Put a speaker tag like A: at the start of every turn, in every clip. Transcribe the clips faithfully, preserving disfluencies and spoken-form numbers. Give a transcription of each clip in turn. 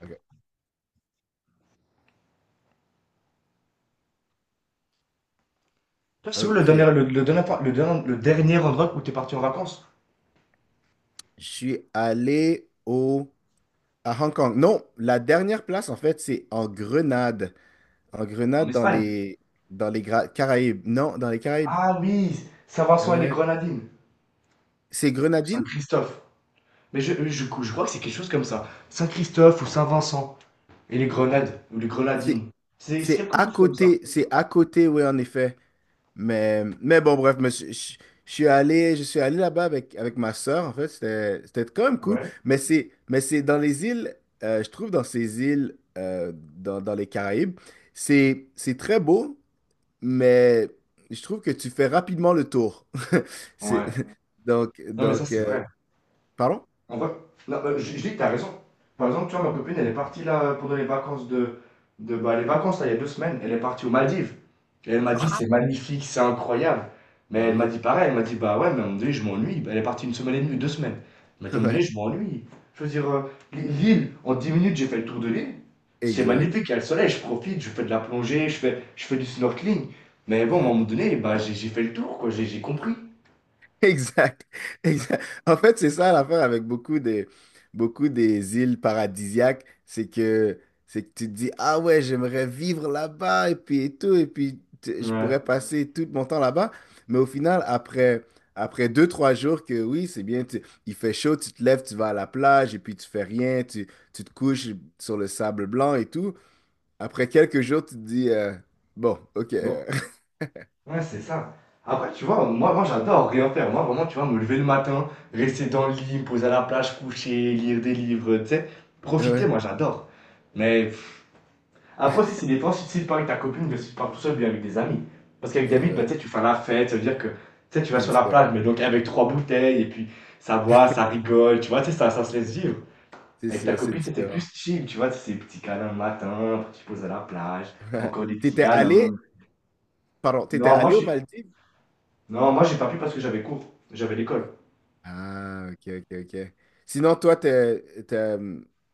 A: Ok.
B: Toi, c'est où le
A: Ok.
B: dernier, le, le dernier, le dernier- le dernier endroit où t'es parti en vacances?
A: Je suis allé au, À Hong Kong. Non, la dernière place, en fait, c'est en Grenade. En
B: En
A: Grenade, dans
B: Espagne.
A: les, dans les Gra- Caraïbes. Non, dans les Caraïbes.
B: Ah oui, Saint-Vincent et les
A: Ouais.
B: Grenadines.
A: C'est Grenadine?
B: Saint-Christophe. Mais je, je, je crois que c'est quelque chose comme ça. Saint-Christophe ou Saint-Vincent et les Grenades ou les
A: C'est
B: Grenadines. C'est c'est
A: c'est
B: quelque
A: à
B: chose comme ça.
A: côté. C'est à côté, oui, en effet. Mais, mais bon, bref, mais je, je- suis allé, je suis allé là-bas avec, avec ma sœur, en fait, c'était c'était quand même cool.
B: Ouais,
A: Mais c'est, mais c'est dans les îles, euh, je trouve dans ces îles, euh, dans, dans les Caraïbes, c'est c'est très beau, mais je trouve que tu fais rapidement le tour. C'est
B: ouais.
A: donc
B: Non mais ça
A: donc
B: c'est
A: euh,
B: vrai.
A: pardon?
B: On va... Non, euh, je, je dis que t'as raison. Par exemple, tu vois, ma copine, elle est partie là pendant les vacances de... de bah, les vacances, là, il y a deux semaines, elle est partie aux Maldives. Et elle m'a dit, c'est magnifique, c'est incroyable. Mais
A: Ben
B: elle m'a
A: oui,
B: dit pareil, elle m'a dit, bah ouais, mais à un moment donné, je m'ennuie. Bah, elle est partie une semaine et demie, deux semaines. Elle m'a dit, à un moment
A: ouais,
B: donné, je m'ennuie. Je veux dire, euh, l'île, en dix minutes, j'ai fait le tour de l'île. C'est
A: exact.
B: magnifique, il y a le soleil, je profite, je fais de la plongée, je fais, je fais du snorkeling. Mais bon, à un moment donné, bah, j'ai j'ai fait le tour, quoi, j'ai j'ai compris.
A: Exact, exact. En fait, c'est ça l'affaire avec beaucoup de beaucoup des îles paradisiaques, c'est que, c'est que tu te dis, ah ouais, j'aimerais vivre là-bas et puis et tout, et puis tu- je pourrais
B: Ouais.
A: passer tout mon temps là-bas. Mais au final, après, après deux, trois jours que oui, c'est bien, tu- il fait chaud, tu te lèves, tu vas à la plage et puis tu fais rien, tu, tu te couches sur le sable blanc et tout. Après quelques jours, tu te dis, euh, bon, ok,
B: Bon.
A: euh,
B: Ouais, c'est ça. Après, tu vois, moi, moi j'adore rien faire. Moi, vraiment, tu vois, me lever le matin, rester dans le lit, me poser à la plage, coucher, lire des livres, tu sais. Profiter,
A: ouais,
B: moi, j'adore. Mais pff, après aussi, c'est des fois, si tu pars avec ta copine, que si tu pars tout seul, bien avec des amis. Parce qu'avec des
A: et
B: amis, bah,
A: ouais,
B: tu sais, tu fais la fête, ça veut dire que tu sais, tu vas
A: c'est
B: sur la plage,
A: différent.
B: mais donc avec trois bouteilles, et puis ça boit, ça rigole, tu vois, tu sais, ça, ça
A: C'est
B: se laisse
A: sûr,
B: vivre.
A: c'est
B: Avec ta
A: sûr, c'est
B: copine, c'était
A: différent.
B: plus chill, tu vois, c'est petits câlins le matin, après tu te poses à la plage, encore des petits
A: T'étais
B: câlins.
A: allé, pardon, t'étais
B: Non, moi,
A: allé aux
B: je,
A: Maldives?
B: non, moi j'ai pas pu parce que j'avais cours, j'avais l'école.
A: Ah, ok, ok, ok. Sinon, toi, t'es, t'es,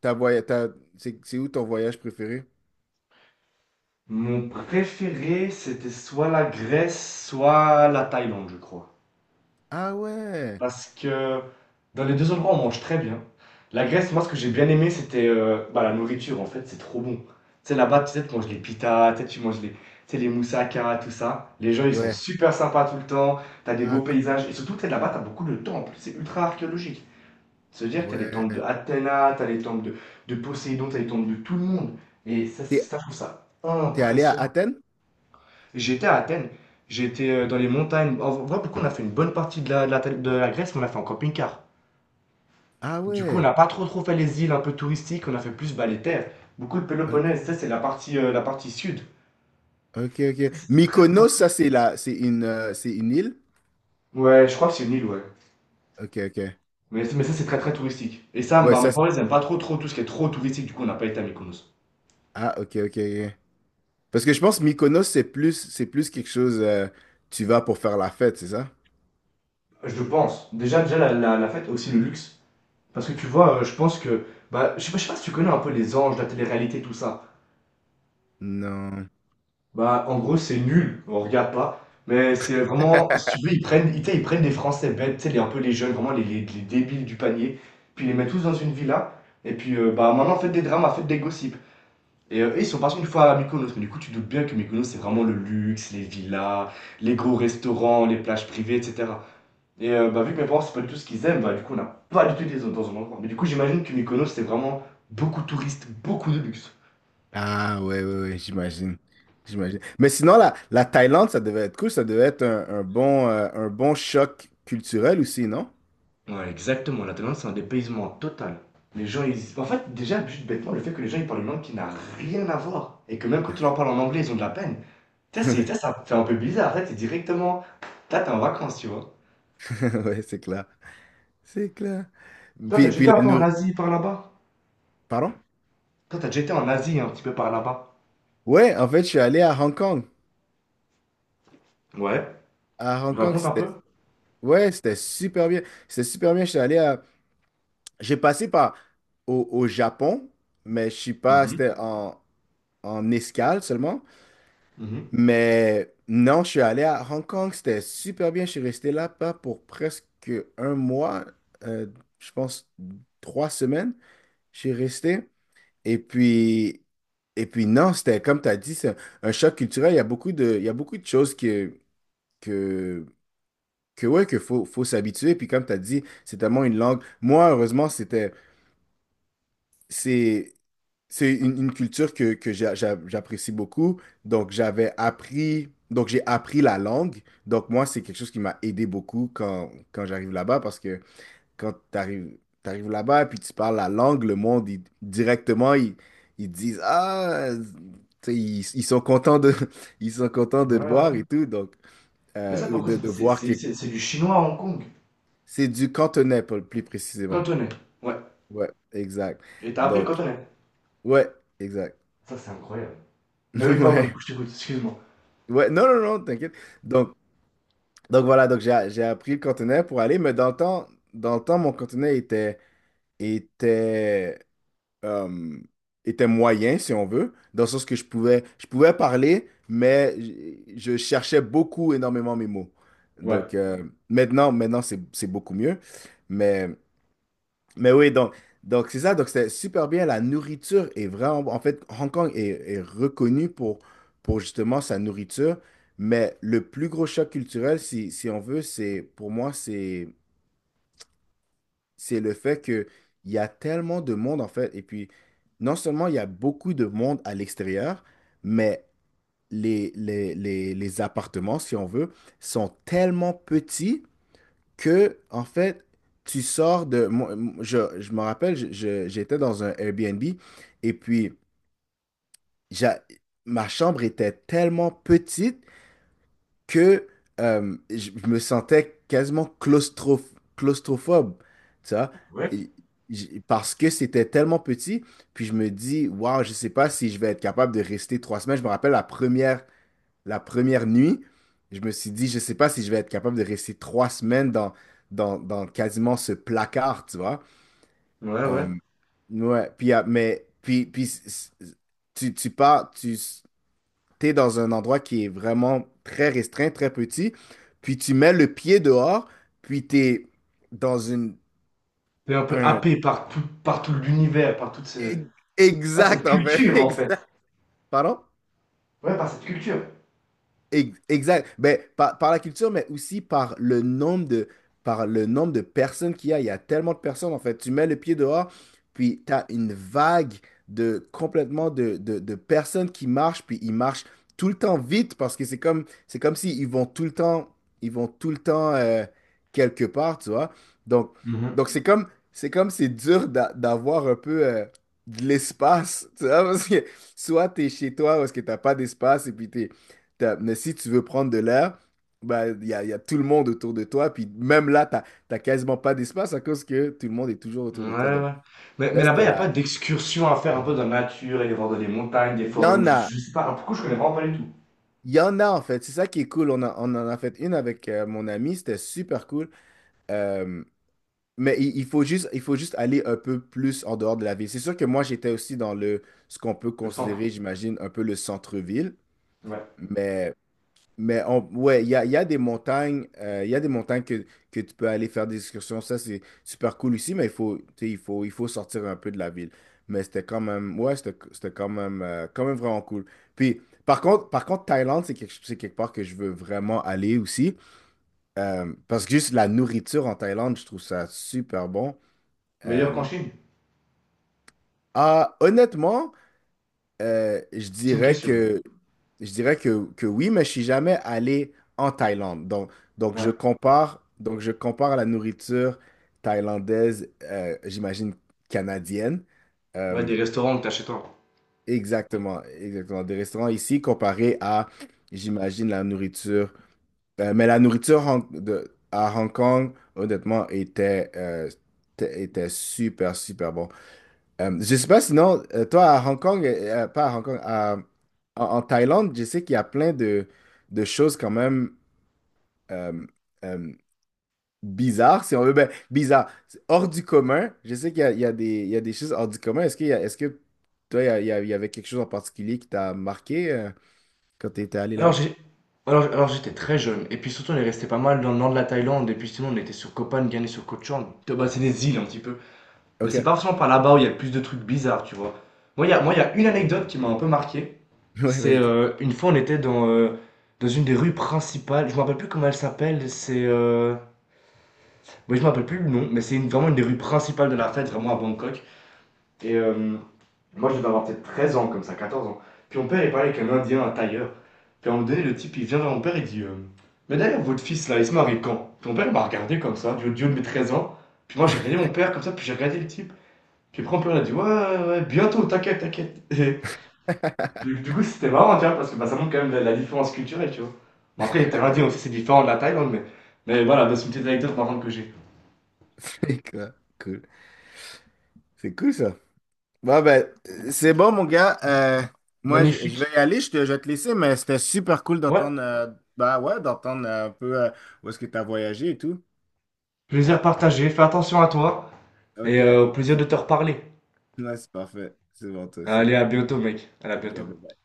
A: t'as voy- t'as- c'est c'est où ton voyage préféré?
B: Mon préféré, c'était soit la Grèce, soit la Thaïlande, je crois.
A: Ah ouais.
B: Parce que dans les deux endroits, on mange très bien. La Grèce, moi, ce que j'ai
A: Mhm.
B: bien aimé, c'était euh, bah, la nourriture, en fait, c'est trop bon. Tu sais, là-bas, tu sais, tu manges les pitas, tu sais, tu manges les, tu sais, les moussaka, tout ça. Les gens, ils sont
A: Ouais.
B: super sympas tout le temps, t'as des
A: Ah,
B: beaux
A: cool.
B: paysages, et surtout, tu sais, là-bas, t'as beaucoup de temples, c'est ultra archéologique. C'est-à-dire que tu as les temples de
A: Ouais.
B: Athéna, tu as les temples de, de Poséidon, tu as les temples de tout le monde. Et ça, c'est-
A: T'es,
B: ça, je trouve ça
A: t'es allé à
B: impressionnant.
A: Athènes?
B: J'étais à Athènes, j'étais euh, dans les montagnes. En vrai, beaucoup, on a fait une bonne partie de la, de la, de la Grèce, mais on l'a fait en camping-car.
A: Ah
B: Du coup, on
A: ouais.
B: n'a pas trop, trop fait les îles un peu touristiques, on a fait plus bah, les terres. Beaucoup le Péloponnèse, ça,
A: Ok.
B: c'est la partie, euh, la partie sud.
A: Ok, ok.
B: Ça, c'était très, très
A: Mykonos, ça,
B: intéressant.
A: c'est la, c'est une, euh, c'est une île?
B: Ouais, je crois que c'est une île, ouais.
A: Ok, ok.
B: Mais, mais ça, c'est très très touristique. Et ça,
A: Ouais,
B: bah, mes
A: ça, c'est...
B: parents, ils aiment pas trop trop tout ce qui est trop touristique, du coup, on n'a pas été à Mykonos.
A: Ah, ok, ok, ok. Parce que je pense Mykonos, c'est plus, c'est plus quelque chose, euh, tu vas pour faire la fête, c'est ça?
B: Je pense. Déjà, déjà la, la, la fête, aussi le luxe. Parce que tu vois, euh, je pense que. Bah, je sais, pas, je sais pas si tu connais un peu les anges, la télé-réalité, tout ça.
A: Non.
B: Bah, en gros, c'est nul, on regarde pas. Mais c'est vraiment. Si tu veux, ils prennent, ils, tu sais, ils prennent des Français bêtes, tu sais, les- un peu les jeunes, vraiment les, les, les débiles du panier. Puis ils les mettent tous dans une villa. Et puis, euh, bah, maintenant, faites des dramas, faites des gossips. Et euh, ils sont partis une fois à Mykonos. Mais du coup, tu doutes bien que Mykonos, c'est vraiment le luxe, les villas, les gros restaurants, les plages privées, et cetera. Et euh, bah, vu que mes parents, c'est pas du tout ce qu'ils aiment, bah, du coup, on n'a pas du tout été dans un endroit. Mais du coup, j'imagine que Mykonos, c'est vraiment beaucoup de touristes, beaucoup de luxe.
A: Ah ouais, ouais, ouais, j'imagine. J'imagine. Mais sinon, la, la Thaïlande, ça devait être cool, ça devait être un, un bon, euh, un bon choc culturel aussi, non?
B: Ouais, exactement. La Thaïlande, c'est un dépaysement total. Les gens, ils. En fait, déjà, juste bêtement, le fait que les gens, ils parlent une langue qui n'a rien à voir. Et que même quand tu leur parles en anglais, ils ont de la peine. Ça, c'est... ça, ça fait un peu bizarre. Là, t'es directement. Là, t'es en vacances, tu vois.
A: Ouais, c'est clair. C'est clair.
B: Toi, t'as
A: Puis,
B: déjà
A: puis
B: été un
A: la
B: peu en
A: nourriture.
B: Asie par là-bas.
A: Pardon?
B: Toi, t'as déjà été en Asie un petit peu par là-bas.
A: Ouais, en fait, je suis allé à Hong Kong.
B: Ouais.
A: À Hong Kong,
B: Raconte un peu.
A: c'était. Ouais, c'était super bien. C'était super bien. Je suis allé à. J'ai passé par au, au Japon, mais je suis pas.
B: Mhm.
A: C'était en, en escale seulement.
B: Mhm.
A: Mais non, je suis allé à Hong Kong, c'était super bien. Je suis resté là-bas pour presque un mois, euh, je pense trois semaines. Je suis resté. Et puis, et puis non, c'était comme tu as dit, c'est un choc culturel. Il y a beaucoup de, il y a beaucoup de choses que, que, que ouais, que faut, faut s'habituer. Puis comme tu as dit, c'est tellement une langue. Moi, heureusement, c'était. c'est c'est une, une culture que, que j'a- j'a- j'apprécie beaucoup. Donc, j'avais appris, donc j'ai appris la langue. Donc, moi, c'est quelque chose qui m'a aidé beaucoup quand, quand j'arrive là-bas parce que quand tu arrives là-bas et puis tu parles la langue, le monde, il- directement, ils, ils disent, ah, tu sais, ils, ils sont contents de, ils sont contents de
B: Ouais,
A: te voir
B: ouais.
A: et tout. Donc,
B: Mais ça,
A: euh,
B: pourquoi
A: de,
B: ça-
A: de
B: c'est
A: voir que
B: c'est- c'est- c'est du chinois à Hong Kong.
A: c'est du cantonais, plus plus précisément.
B: Cantonais. Ouais.
A: Ouais, exact.
B: Et t'as appris le
A: Donc,
B: cantonais.
A: ouais, exact.
B: Ça, c'est incroyable. Mais oui, pardon, du
A: Ouais.
B: coup, je t'écoute, excuse-moi.
A: Ouais, non, non, non, t'inquiète. Donc, donc voilà, donc j'ai j'ai appris le cantonais pour aller, mais dans le temps, dans le temps, mon cantonais était, était, euh, était moyen, si on veut, dans le sens que je pouvais, je pouvais parler, mais je, je cherchais beaucoup, énormément mes mots.
B: Ouais.
A: Donc euh, maintenant, maintenant, c'est, c'est beaucoup mieux. Mais oui, donc, donc c'est ça, donc c'était super bien. La nourriture est vraiment. Bon. En fait, Hong Kong est, est reconnu pour, pour justement sa nourriture, mais le plus gros choc culturel, si, si on veut, c'est pour moi, c'est c'est le fait que il y a tellement de monde, en fait. Et puis, non seulement il y a beaucoup de monde à l'extérieur, mais les, les, les, les appartements, si on veut, sont tellement petits que, en fait, tu sors de... moi, moi, je, je me rappelle, je- je- j'étais dans un Airbnb et puis j'a- ma chambre était tellement petite que euh, je je me sentais quasiment claustro- claustrophobe, tu vois,
B: Ouais.
A: et j- parce que c'était tellement petit. Puis je me dis, waouh, je sais pas si je vais être capable de rester trois semaines. Je me rappelle la première la première nuit, je me suis dit, je sais pas si je vais être capable de rester trois semaines dans, dans, dans quasiment ce placard, tu vois.
B: Ouais, ouais.
A: Euh, ouais, puis, ah, mais, puis, puis c- c- tu, tu pars, tu es dans un endroit qui est vraiment très restreint, très petit, puis tu mets le pied dehors, puis tu es dans une,
B: T'es un peu
A: un...
B: happé par tout, par tout l'univers, par toute ces...
A: e,
B: ah, cette
A: Exact, en fait,
B: culture, en fait.
A: exact. Pardon?
B: Ouais, par cette culture.
A: Ex- Exact. Ben, par, par la culture, mais aussi par le nombre de, par le nombre de personnes qu'il y a. Il y a tellement de personnes, en fait. Tu mets le pied dehors, puis tu as une vague de complètement de, de, de personnes qui marchent, puis ils marchent tout le temps vite parce que c'est comme, c'est comme si ils vont tout le temps, ils vont tout le temps euh, quelque part, tu vois. Donc,
B: Mhm.
A: donc c'est comme, c'est comme c'est dur d'a- d'avoir un peu euh, de l'espace, tu vois, parce que soit tu es chez toi, parce que t'as pas d'espace, et puis t'es T'as- Mais si tu veux prendre de l'air, bah, il y a, il y a tout le monde autour de toi. Puis même là, tu n'as quasiment pas d'espace à cause que tout le monde est toujours
B: Ouais,
A: autour de toi. Donc,
B: ouais. Mais, mais
A: là,
B: là-bas, il
A: c'était
B: n'y a pas
A: là.
B: d'excursion à faire un peu dans la nature, aller voir dans des montagnes, des
A: Il y
B: forêts, ou
A: en
B: je,
A: a.
B: je sais pas. Pourquoi je connais vraiment pas du tout
A: Il y en a, en fait. C'est ça qui est cool. On, a- on en a fait une avec euh, mon ami. C'était super cool. Euh, mais il, il faut juste, il faut juste aller un peu plus en dehors de la ville. C'est sûr que moi, j'étais aussi dans le, ce qu'on peut
B: le
A: considérer,
B: centre.
A: j'imagine, un peu le centre-ville.
B: Ouais.
A: Mais Mais on, ouais, il y a, il y a des montagnes, euh, il y a des montagnes que, que tu peux aller faire des excursions. Ça, c'est super cool aussi, mais il faut, tu sais, il faut, il faut sortir un peu de la ville. Mais c'était quand même, ouais, c'était c'était quand même, euh, quand même vraiment cool. Puis, par contre, par contre, Thaïlande, c'est quelque, c'est quelque part que je veux vraiment aller aussi. Euh, parce que juste la nourriture en Thaïlande, je trouve ça super bon.
B: Meilleur qu'en
A: Euh,
B: Chine.
A: ah, honnêtement, euh, je
B: C'est une
A: dirais
B: question.
A: que, je dirais que, que oui, mais je suis jamais allé en Thaïlande. Donc, donc je
B: Ouais.
A: compare, donc je compare la nourriture thaïlandaise, euh, j'imagine canadienne.
B: Ouais, des
A: Euh,
B: restaurants que t'as chez toi.
A: exactement, exactement. Des restaurants ici comparés à, j'imagine, la nourriture. Euh, mais la nourriture Hong- de- à Hong Kong, honnêtement, était, euh, était était super, super bon. Euh, je sais pas, sinon, euh, toi à Hong Kong, euh, euh, pas à Hong Kong, à- en, en Thaïlande, je sais qu'il y a plein de, de choses quand même euh, euh, bizarres, si on veut, ben, bizarres, hors du commun. Je sais qu'il y a, il y a des, il y a des choses hors du commun. Est-ce qu'il y a- est-ce que toi, il y, a- il y a- il y avait quelque chose en particulier qui t'a marqué euh, quand tu étais allé
B: Alors
A: là-bas?
B: j'ai alors, alors, j'étais très jeune et puis surtout on est resté pas mal dans le nord de la Thaïlande et puis sinon on était sur Koh Phangan et sur Koh Chang. Bah, c'est des îles un petit peu. Mais
A: Ok,
B: c'est pas forcément par là-bas où il y a le plus de trucs bizarres, tu vois. Moi il y a, moi, il y a une anecdote qui m'a un peu marqué.
A: ouais,
B: C'est
A: vas-y.
B: euh, une fois on était dans, euh, dans une des rues principales, je me rappelle plus comment elle s'appelle, c'est... Euh... Moi je me rappelle plus le nom, mais c'est une- vraiment une des rues principales de la fête, vraiment à Bangkok. Et euh, moi, je devais avoir peut-être treize ans, comme ça, quatorze ans. Puis mon père, il parlait avec un Indien, un tailleur. Puis à un moment donné, le type, il vient vers mon père, il dit euh, mais d'ailleurs, votre fils, là, il se marie quand. Puis mon père, il m'a regardé comme ça, du haut du de mes treize ans. Puis moi, j'ai regardé mon père comme ça, puis j'ai regardé le type. Puis après, mon père, il a dit ouais, ouais, ouais, bientôt, t'inquiète, t'inquiète. Et puis, du coup, c'était marrant, tu vois, parce que bah, ça montre quand même la, la différence culturelle, tu vois. Bon, après, il était indien aussi, c'est différent de la Thaïlande, mais, mais voilà, bah, c'est une petite anecdote par contre que j'ai.
A: C'est quoi? Cool. C'est cool ça. Bon, ben, c'est bon, mon gars. Euh, moi, je, je
B: Magnifique.
A: vais y aller. Je te, je vais te laisser, mais c'était super cool
B: Ouais,
A: d'entendre euh, bah ouais, d'entendre euh, un peu euh, où est-ce que tu as voyagé et tout.
B: plaisir partagé, fais attention à toi, et
A: OK.
B: euh, au plaisir de te reparler.
A: Ouais, c'est parfait. C'est bon, toi aussi.
B: Allez, à bientôt, mec. Allez, à
A: OK,
B: bientôt.
A: bye